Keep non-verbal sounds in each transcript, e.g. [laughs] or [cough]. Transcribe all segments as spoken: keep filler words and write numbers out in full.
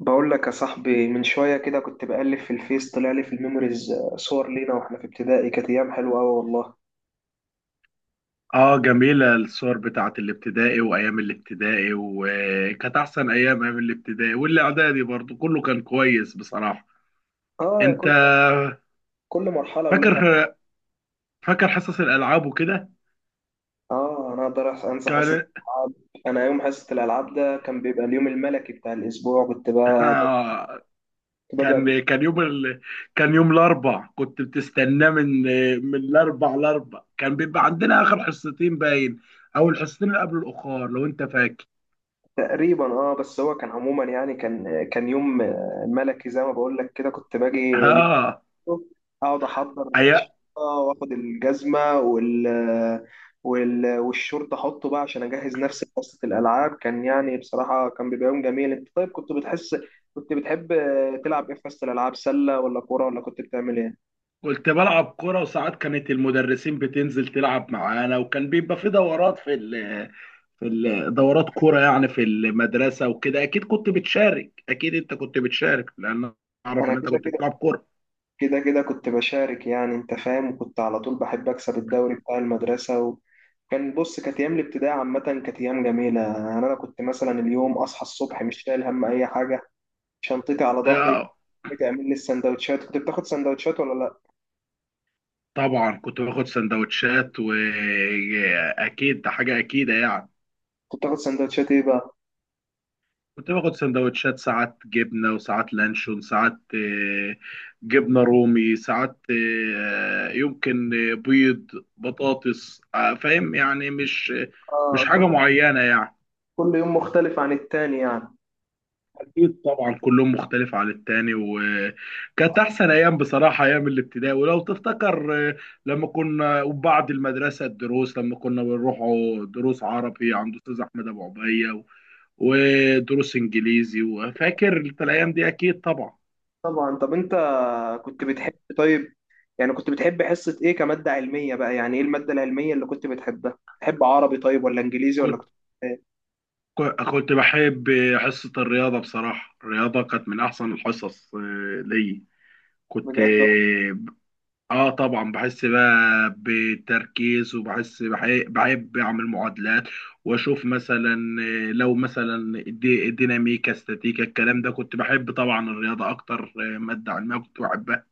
بقول لك يا صاحبي، من شوية كده كنت بقلب في الفيس، طلع لي في الميموريز صور لينا واحنا في ابتدائي. كانت أيام حلوة أوي والله. اه، جميلة الصور بتاعت الابتدائي وايام الابتدائي، وكانت احسن ايام ايام الابتدائي والاعدادي برضو. كله كان كويس بصراحة. اه، يا انت كل. كل مرحلة فاكر ولها. فاكر حصص الالعاب وكده؟ اه، أنا أقدر أس- أنسى حصة كان الألعاب. أنا يوم حصة الألعاب ده كان بيبقى اليوم الملكي بتاع الأسبوع. كنت [laughs] بقى آه. كنت باجي قبل. كان كان يوم ال... كان يوم الاربع كنت بتستناه، من من الاربع لاربع كان بيبقى عندنا اخر حصتين باين، او الحصتين اللي قبل الاخر لو انت فاكر. تقريبا. اه بس هو كان عموما، يعني كان كان يوم آه، ملكي، زي ما بقول لك كده، كنت باجي اه، اقعد احضر الشنطه، واخد الجزمه وال... وال... والشورت احطه بقى عشان اجهز نفسي لقصه الالعاب. كان يعني بصراحه كان بيبقى يوم جميل. انت طيب كنت بتحس كنت بتحب تلعب ايه في حصه الالعاب؟ سله ولا كوره، ولا كنت بتعمل ايه؟ كنت بلعب كرة، وساعات كانت المدرسين بتنزل تلعب معانا، وكان بيبقى في دورات، في ال في ال- دورات كرة يعني في المدرسة وكده. أكيد كنت بتشارك، أكيد أنت كنت بتشارك، لأن أعرف انا إن أنت كده كنت بتلعب كده كرة. كده كده كنت بشارك، يعني انت فاهم. وكنت على طول بحب اكسب الدوري بتاع المدرسه و... كان بص، كانت ايام الابتدائي عامه كانت ايام جميله. يعني انا كنت مثلا اليوم اصحى الصبح مش شايل هم اي حاجه، شنطتي على ظهري. آه، بتعمل لي السندوتشات. كنت بتاخد سندوتشات ولا لا؟ طبعا كنت باخد سندوتشات، وأكيد ده حاجة أكيدة يعني. كنت بتاخد سندوتشات ايه بقى؟ كنت باخد سندوتشات، ساعات جبنة وساعات لانشون، ساعات آه، جبنة رومي، ساعات آه، يمكن آه، بيض بطاطس، آه، فاهم يعني، مش مش اه، كل حاجة معينة يعني. كل يوم مختلف عن التاني يعني. أكيد طبعا كلهم مختلف عن التاني، وكانت أحسن أيام بصراحة أيام الابتدائي. ولو تفتكر، آه، لما كنا وبعد المدرسة الدروس، لما كنا بنروحوا دروس عربي عند أستاذ أحمد أبو عبية و- ودروس إنجليزي، وفاكر أنت الأيام دي أكيد طبعا. طبعا. طب انت كنت بتحب طيب يعني كنت بتحب حصة ايه كمادة علمية بقى؟ يعني ايه المادة العلمية اللي كنت بتحبها؟ تحب عربي طيب ولا انجليزي، ولا كنت كنت بتحب إيه؟ كنت بحب حصة الرياضة بصراحة. الرياضة كانت من أحسن الحصص آه، ليا كنت بجد؟ آه آه، طبعا بحس بقى بتركيز، وبحس بحي- بحب أعمل معادلات وأشوف مثلا، آه، لو مثلا الدي- الديناميكا استاتيكا الكلام ده كنت بحب. طبعا الرياضة أكتر، آه، مادة علمية كنت بحبها.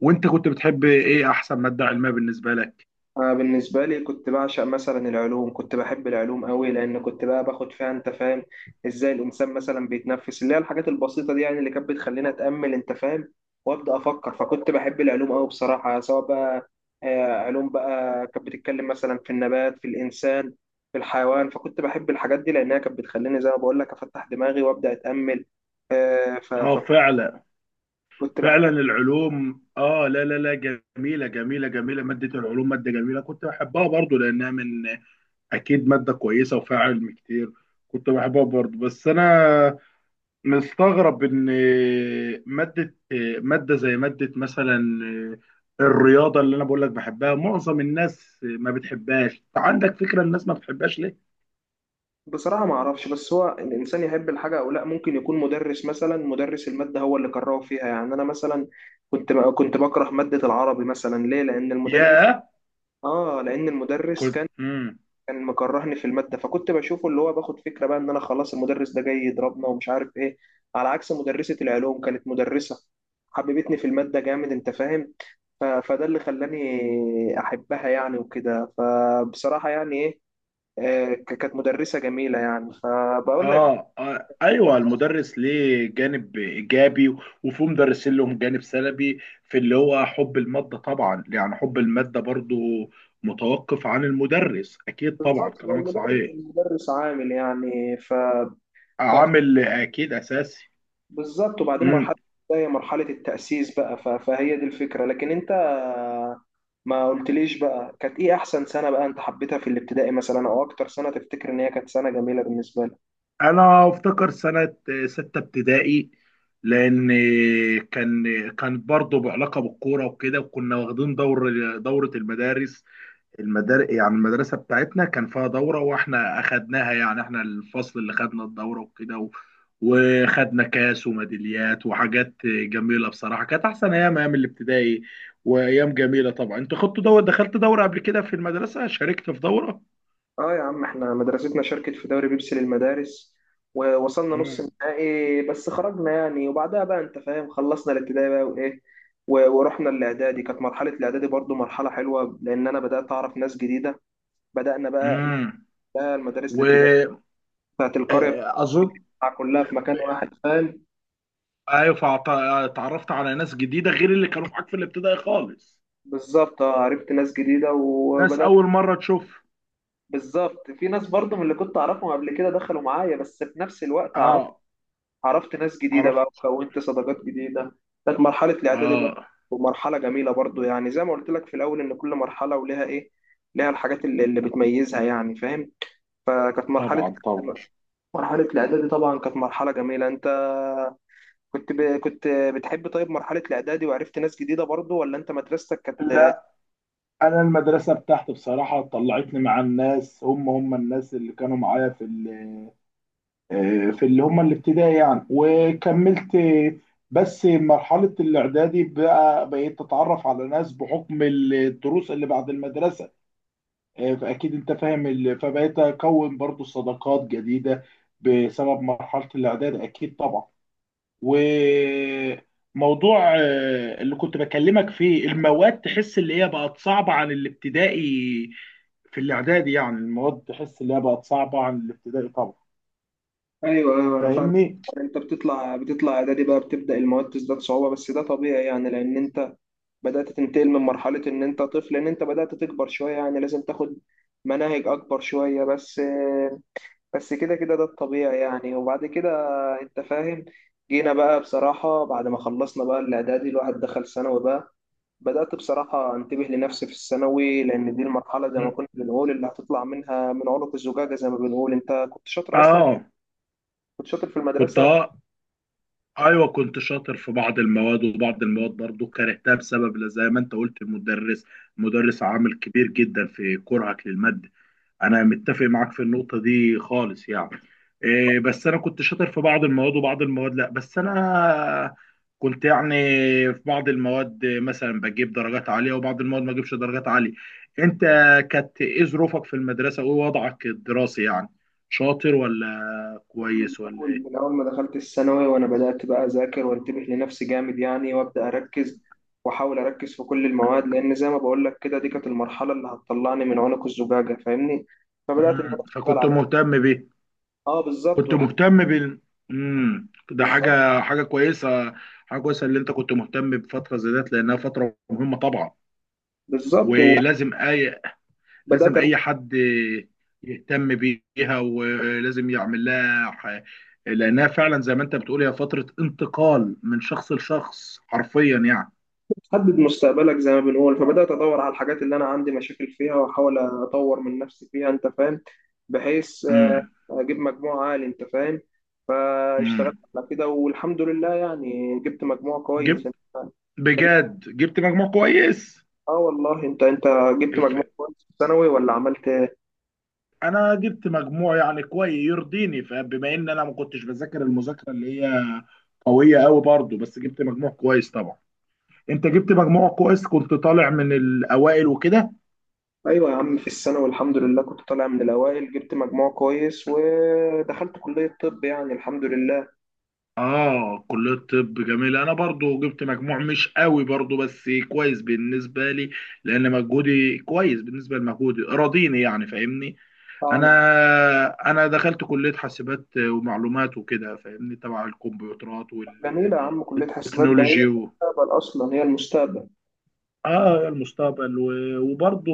وأنت كنت بتحب إيه؟ أحسن مادة علمية بالنسبة لك؟ أنا بالنسبة لي كنت بعشق مثلا العلوم، كنت بحب العلوم قوي، لأن كنت بقى باخد فيها، أنت فاهم. إزاي الإنسان مثلا بيتنفس، اللي هي الحاجات البسيطة دي، يعني اللي كانت بتخليني أتأمل، أنت فاهم، وأبدأ أفكر. فكنت بحب العلوم قوي بصراحة، سواء بقى آه، علوم بقى كانت بتتكلم مثلا في النبات، في الإنسان، في الحيوان. فكنت بحب الحاجات دي، لأنها كانت بتخليني زي ما بقول لك أفتح دماغي وأبدأ أتأمل. آه، ف- آه فكنت فعلا، بحب. فعلا العلوم. اه، لا لا لا، جميله جميله جميله. ماده العلوم ماده جميله، كنت بحبها برضو لانها من، اكيد ماده كويسه وفيها علم كتير، كنت بحبها برضو. بس انا مستغرب ان ماده ماده زي ماده مثلا الرياضه اللي انا بقول لك بحبها، معظم الناس ما بتحبهاش. عندك فكره الناس ما بتحبهاش ليه؟ بصراحة ما أعرفش. بس هو الإنسان يحب الحاجة أو لا، ممكن يكون مدرس، مثلا مدرس المادة هو اللي كرهه فيها. يعني أنا مثلا كنت كنت بكره مادة العربي مثلا. ليه؟ لأن المدرس. ياه. آه لأن المدرس كنت كان مم. كان مكرهني في المادة. فكنت بشوفه، اللي هو باخد فكرة بقى إن أنا خلاص المدرس ده جاي يضربنا ومش عارف إيه. على عكس مدرسة العلوم، كانت مدرسة حببتني في المادة جامد، أنت فاهم؟ ف- فده اللي خلاني أحبها يعني، وكده. فبصراحة يعني إيه، آه، ك- كانت مدرسة جميلة يعني، فبقول لك. آه, اه، ايوه المدرس ليه جانب ايجابي، وفي مدرسين لهم جانب سلبي في اللي هو حب الماده. طبعا يعني حب الماده برضو متوقف عن المدرس، اكيد طبعا بالظبط. هو كلامك المدرس صحيح. المدرس عامل يعني ف... عامل اكيد اساسي. فبالظبط. وبعدين مرحلة امم. زي مرحلة التأسيس بقى ف... فهي دي الفكرة. لكن انت ما قلتليش بقى، كانت ايه احسن سنة بقى انت حبيتها في الابتدائي مثلا، او اكتر سنة تفتكر ان هي كانت سنة جميلة بالنسبة لك؟ انا افتكر سنه سته ابتدائي، لان كان كان برضو بعلاقه بالكوره وكده، وكنا واخدين دور، دوره المدارس، المدار يعني المدرسة بتاعتنا كان فيها دورة واحنا اخدناها. يعني احنا الفصل اللي خدنا الدورة وكده، و... وخدنا كاس وميداليات وحاجات جميلة بصراحة. كانت احسن ايام ايام الابتدائي وايام جميلة طبعا. انت خدت دورة؟ دخلت دورة قبل كده في المدرسة؟ شاركت في دورة؟ اه يا عم، احنا مدرستنا شاركت في دوري بيبسي للمدارس، ووصلنا نص امم، النهائي بس خرجنا يعني. وبعدها بقى، انت فاهم، خلصنا الابتدائي بقى وايه و- ورحنا الاعدادي. كانت مرحله الاعدادي برضو مرحله حلوه، لان انا بدات اعرف ناس جديده. بدانا بقى امم، بقى المدارس الابتدائيه واظن. بتاعت القريه بتاعها كلها في مكان واحد، فاهم. ايوه. فأعت- اتعرفت على ناس جديدة غير اللي كانوا معاك في الابتدائي خالص. بالظبط. اه، عرفت ناس جديده ناس وبدات. اول مرة تشوف. بالظبط. في ناس برضو من اللي كنت اعرفهم قبل كده دخلوا معايا، بس في نفس الوقت اه، عرفت ناس جديدة عرفت. بقى وكونت صداقات جديدة. كانت مرحلة الإعدادي برضه اه، مرحلة جميلة برضه، يعني زي ما قلت لك في الأول إن كل مرحلة ولها إيه، لها الحاجات اللي, اللي بتميزها، يعني فاهم. فكانت مرحلة طبعا طبعا. مرحلة الإعدادي طبعا كانت مرحلة جميلة. أنت كنت ب... كنت بتحب طيب مرحلة الإعدادي وعرفت ناس جديدة برضه، ولا أنت مدرستك كانت؟ لا، انا المدرسه بتاعتي بصراحه طلعتني مع الناس، هم هم الناس اللي كانوا معايا في ال- آه، في اللي هم الابتدائي يعني وكملت. بس مرحله الاعدادي بقى بقيت اتعرف على ناس بحكم الدروس اللي بعد المدرسه، آه، فاكيد انت فاهم ال- فبقيت اكون برضو صداقات جديده بسبب مرحله الاعدادي، اكيد طبعا. وموضوع آه، اللي كنت بكلمك فيه، المواد تحس اللي هي بقت صعبة عن الابتدائي في الاعدادي، يعني المواد تحس اللي هي بقت صعبة عن الابتدائي طبعا. ايوه، ايوه، انا فاهم. فاهمني؟ انت بتطلع بتطلع اعدادي بقى، بتبدا المواد تزداد صعوبه. بس ده طبيعي، يعني لان انت بدأت تنتقل من مرحلة إن أنت طفل، إن أنت بدأت تكبر شوية، يعني لازم تاخد مناهج أكبر شوية بس بس كده كده ده الطبيعي يعني. وبعد كده أنت فاهم، جينا بقى بصراحة. بعد ما خلصنا بقى الإعدادي، الواحد دخل ثانوي بقى. بدأت بصراحة أنتبه لنفسي في الثانوي، لأن دي المرحلة زي ما م. كنا بنقول اللي هتطلع منها من عنق الزجاجة، زي ما بنقول. أنت كنت شاطر أصلا؟ اه كنت شاطر في كنت المدرسة؟ آه. ايوه كنت شاطر في بعض المواد، وبعض المواد برضو كرهتها بسبب زي ما انت قلت المدرس. مدرس عامل كبير جدا في كرهك للمادة، انا متفق معاك في النقطه دي خالص يعني. إيه، بس انا كنت شاطر في بعض المواد وبعض المواد لا. بس انا كنت يعني في بعض المواد مثلا بجيب درجات عاليه، وبعض المواد ما اجيبش درجات عاليه. انت كانت ايه ظروفك في المدرسه وايه وضعك الدراسي يعني؟ شاطر ولا أنا من كويس ولا أول ايه؟ من أول ما دخلت الثانوي وأنا بدأت بقى أذاكر وأنتبه لنفسي جامد يعني. وأبدأ أركز وأحاول أركز في كل المواد، لأن زي ما بقول لك كده دي كانت المرحلة اللي هتطلعني من عنق الزجاجة، فاهمني؟ فبدأت إن أنا مم. أشتغل فكنت على. مهتم بيه. أه بالظبط كنت والح- مهتم بال... مم. ده بالظبط. حاجه حاجه كويسه حاجه كويسه اللي انت كنت مهتم بفتره زي ديت، لانها فتره مهمه طبعا. بالظبط ولازم اي، لازم وبدأت اي حد يهتم بيها، ولازم يعمل لها ح- لانها فعلا زي ما انت بتقول هي فتره انتقال من شخص لشخص حرفيا يعني. حدد مستقبلك زي ما بنقول. فبدأت أدور على الحاجات اللي أنا عندي مشاكل فيها، وأحاول أطور من نفسي فيها، أنت فاهم، بحيث آه، امم، أجيب مجموع عالي، أنت فاهم. فاشتغلت امم. على كده والحمد لله، يعني جبت مجموع كويس، أنت جبت، فاهم. أنت جبت بجد جبت مجموع كويس. آه والله؟ أنت أنت جبت مجموع ف- كويس في الثانوي ولا عملت إيه؟ انا جبت مجموع يعني كويس يرضيني، فبما ان انا ما كنتش بذاكر المذاكره اللي هي قويه قوي برضو، بس جبت مجموع كويس طبعا. انت جبت مجموع كويس كنت طالع من الاوائل وكده. أيوة يا عم، في الثانوي الحمد لله كنت طالع من الأوائل، جبت مجموع كويس ودخلت كلية طب، يعني الحمد لله. اه، كلية الطب جميلة. انا برضو جبت مجموع مش قوي برضو بس كويس بالنسبة لي، لان مجهودي كويس بالنسبة لمجهودي راضيني يعني، فاهمني؟ آه، انا أنا- انا دخلت كلية حاسبات ومعلومات وكده، فاهمني؟ تبع الكمبيوترات جميلة يا عم، كلية حسابات ده هي والتكنولوجي و... المستقبل أصلا، هي المستقبل. اه المستقبل و... وبرضو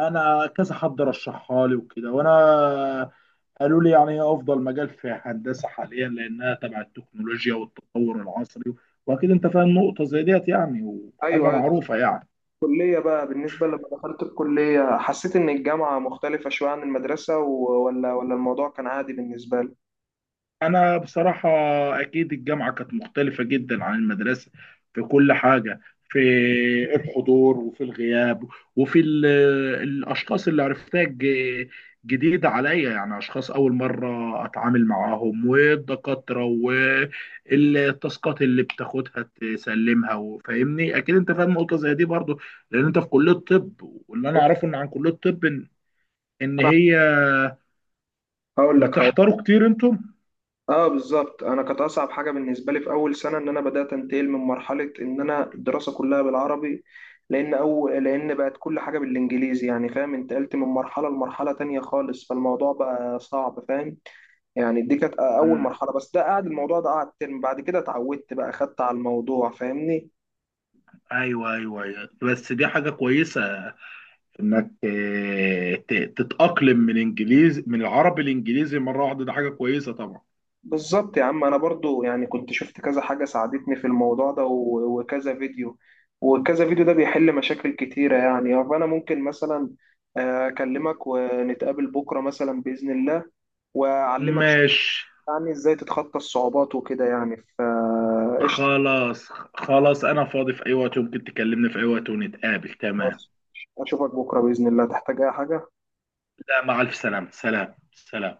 انا كذا حد رشحها لي وكده، وانا قالوا لي يعني هي افضل مجال في هندسه حاليا، لانها تبع التكنولوجيا والتطور العصري. واكيد انت فاهم نقطه زي ديت يعني، وحاجه أيوه، أيوة. معروفه يعني. الكلية بقى بالنسبة، لما دخلت الكلية حسيت إن الجامعة مختلفة شوية عن المدرسة و- ولا ولا الموضوع كان عادي بالنسبة لي؟ أنا بصراحة أكيد الجامعة كانت مختلفة جدا عن المدرسة في كل حاجة، في الحضور وفي الغياب، وفي ال- الأشخاص اللي عرفتها، ج- جديدة عليا يعني أشخاص أول مرة أتعامل معاهم، والدكاترة والتاسكات اللي بتاخدها تسلمها، وفاهمني أكيد أنت فاهم نقطة زي دي برضو، لأن أنت في كلية طب. واللي أنا بص، أعرفه إن عن كلية طب، إن إن أنا هي هقول لك هو. بتحضروا كتير أنتم؟ اه بالظبط. انا كانت اصعب حاجه بالنسبه لي في اول سنه ان انا بدات انتقل من مرحله ان انا الدراسه كلها بالعربي، لان او لان بقت كل حاجه بالانجليزي، يعني فاهم، انتقلت من مرحله لمرحله تانية خالص، فالموضوع بقى صعب فاهم. يعني دي كانت اول مرحله، بس ده قعد الموضوع ده قعد ترم، بعد كده اتعودت بقى، خدت على الموضوع فاهمني. ايوه، ايوه، ايوه، بس دي حاجه كويسه انك آه، ت- تتاقلم من انجليزي، من العربي الانجليزي مره واحده، ده حاجه كويسه طبعا. بالظبط يا عم، انا برضو يعني كنت شفت كذا حاجة ساعدتني في الموضوع ده و- وكذا فيديو وكذا فيديو ده بيحل مشاكل كتيرة يعني. فانا ممكن مثلا آه، اكلمك ونتقابل بكرة مثلا بإذن الله، واعلمك شوية ماشي. يعني ازاي تتخطى الصعوبات وكده يعني، فقشطة. خلاص خلاص، انا فاضي في اي وقت، ممكن تكلمني في اي وقت ونتقابل، تمام. خلاص، اشوفك بكرة بإذن الله. تحتاج اي حاجة؟ لا، مع الف سلامه. سلام سلام.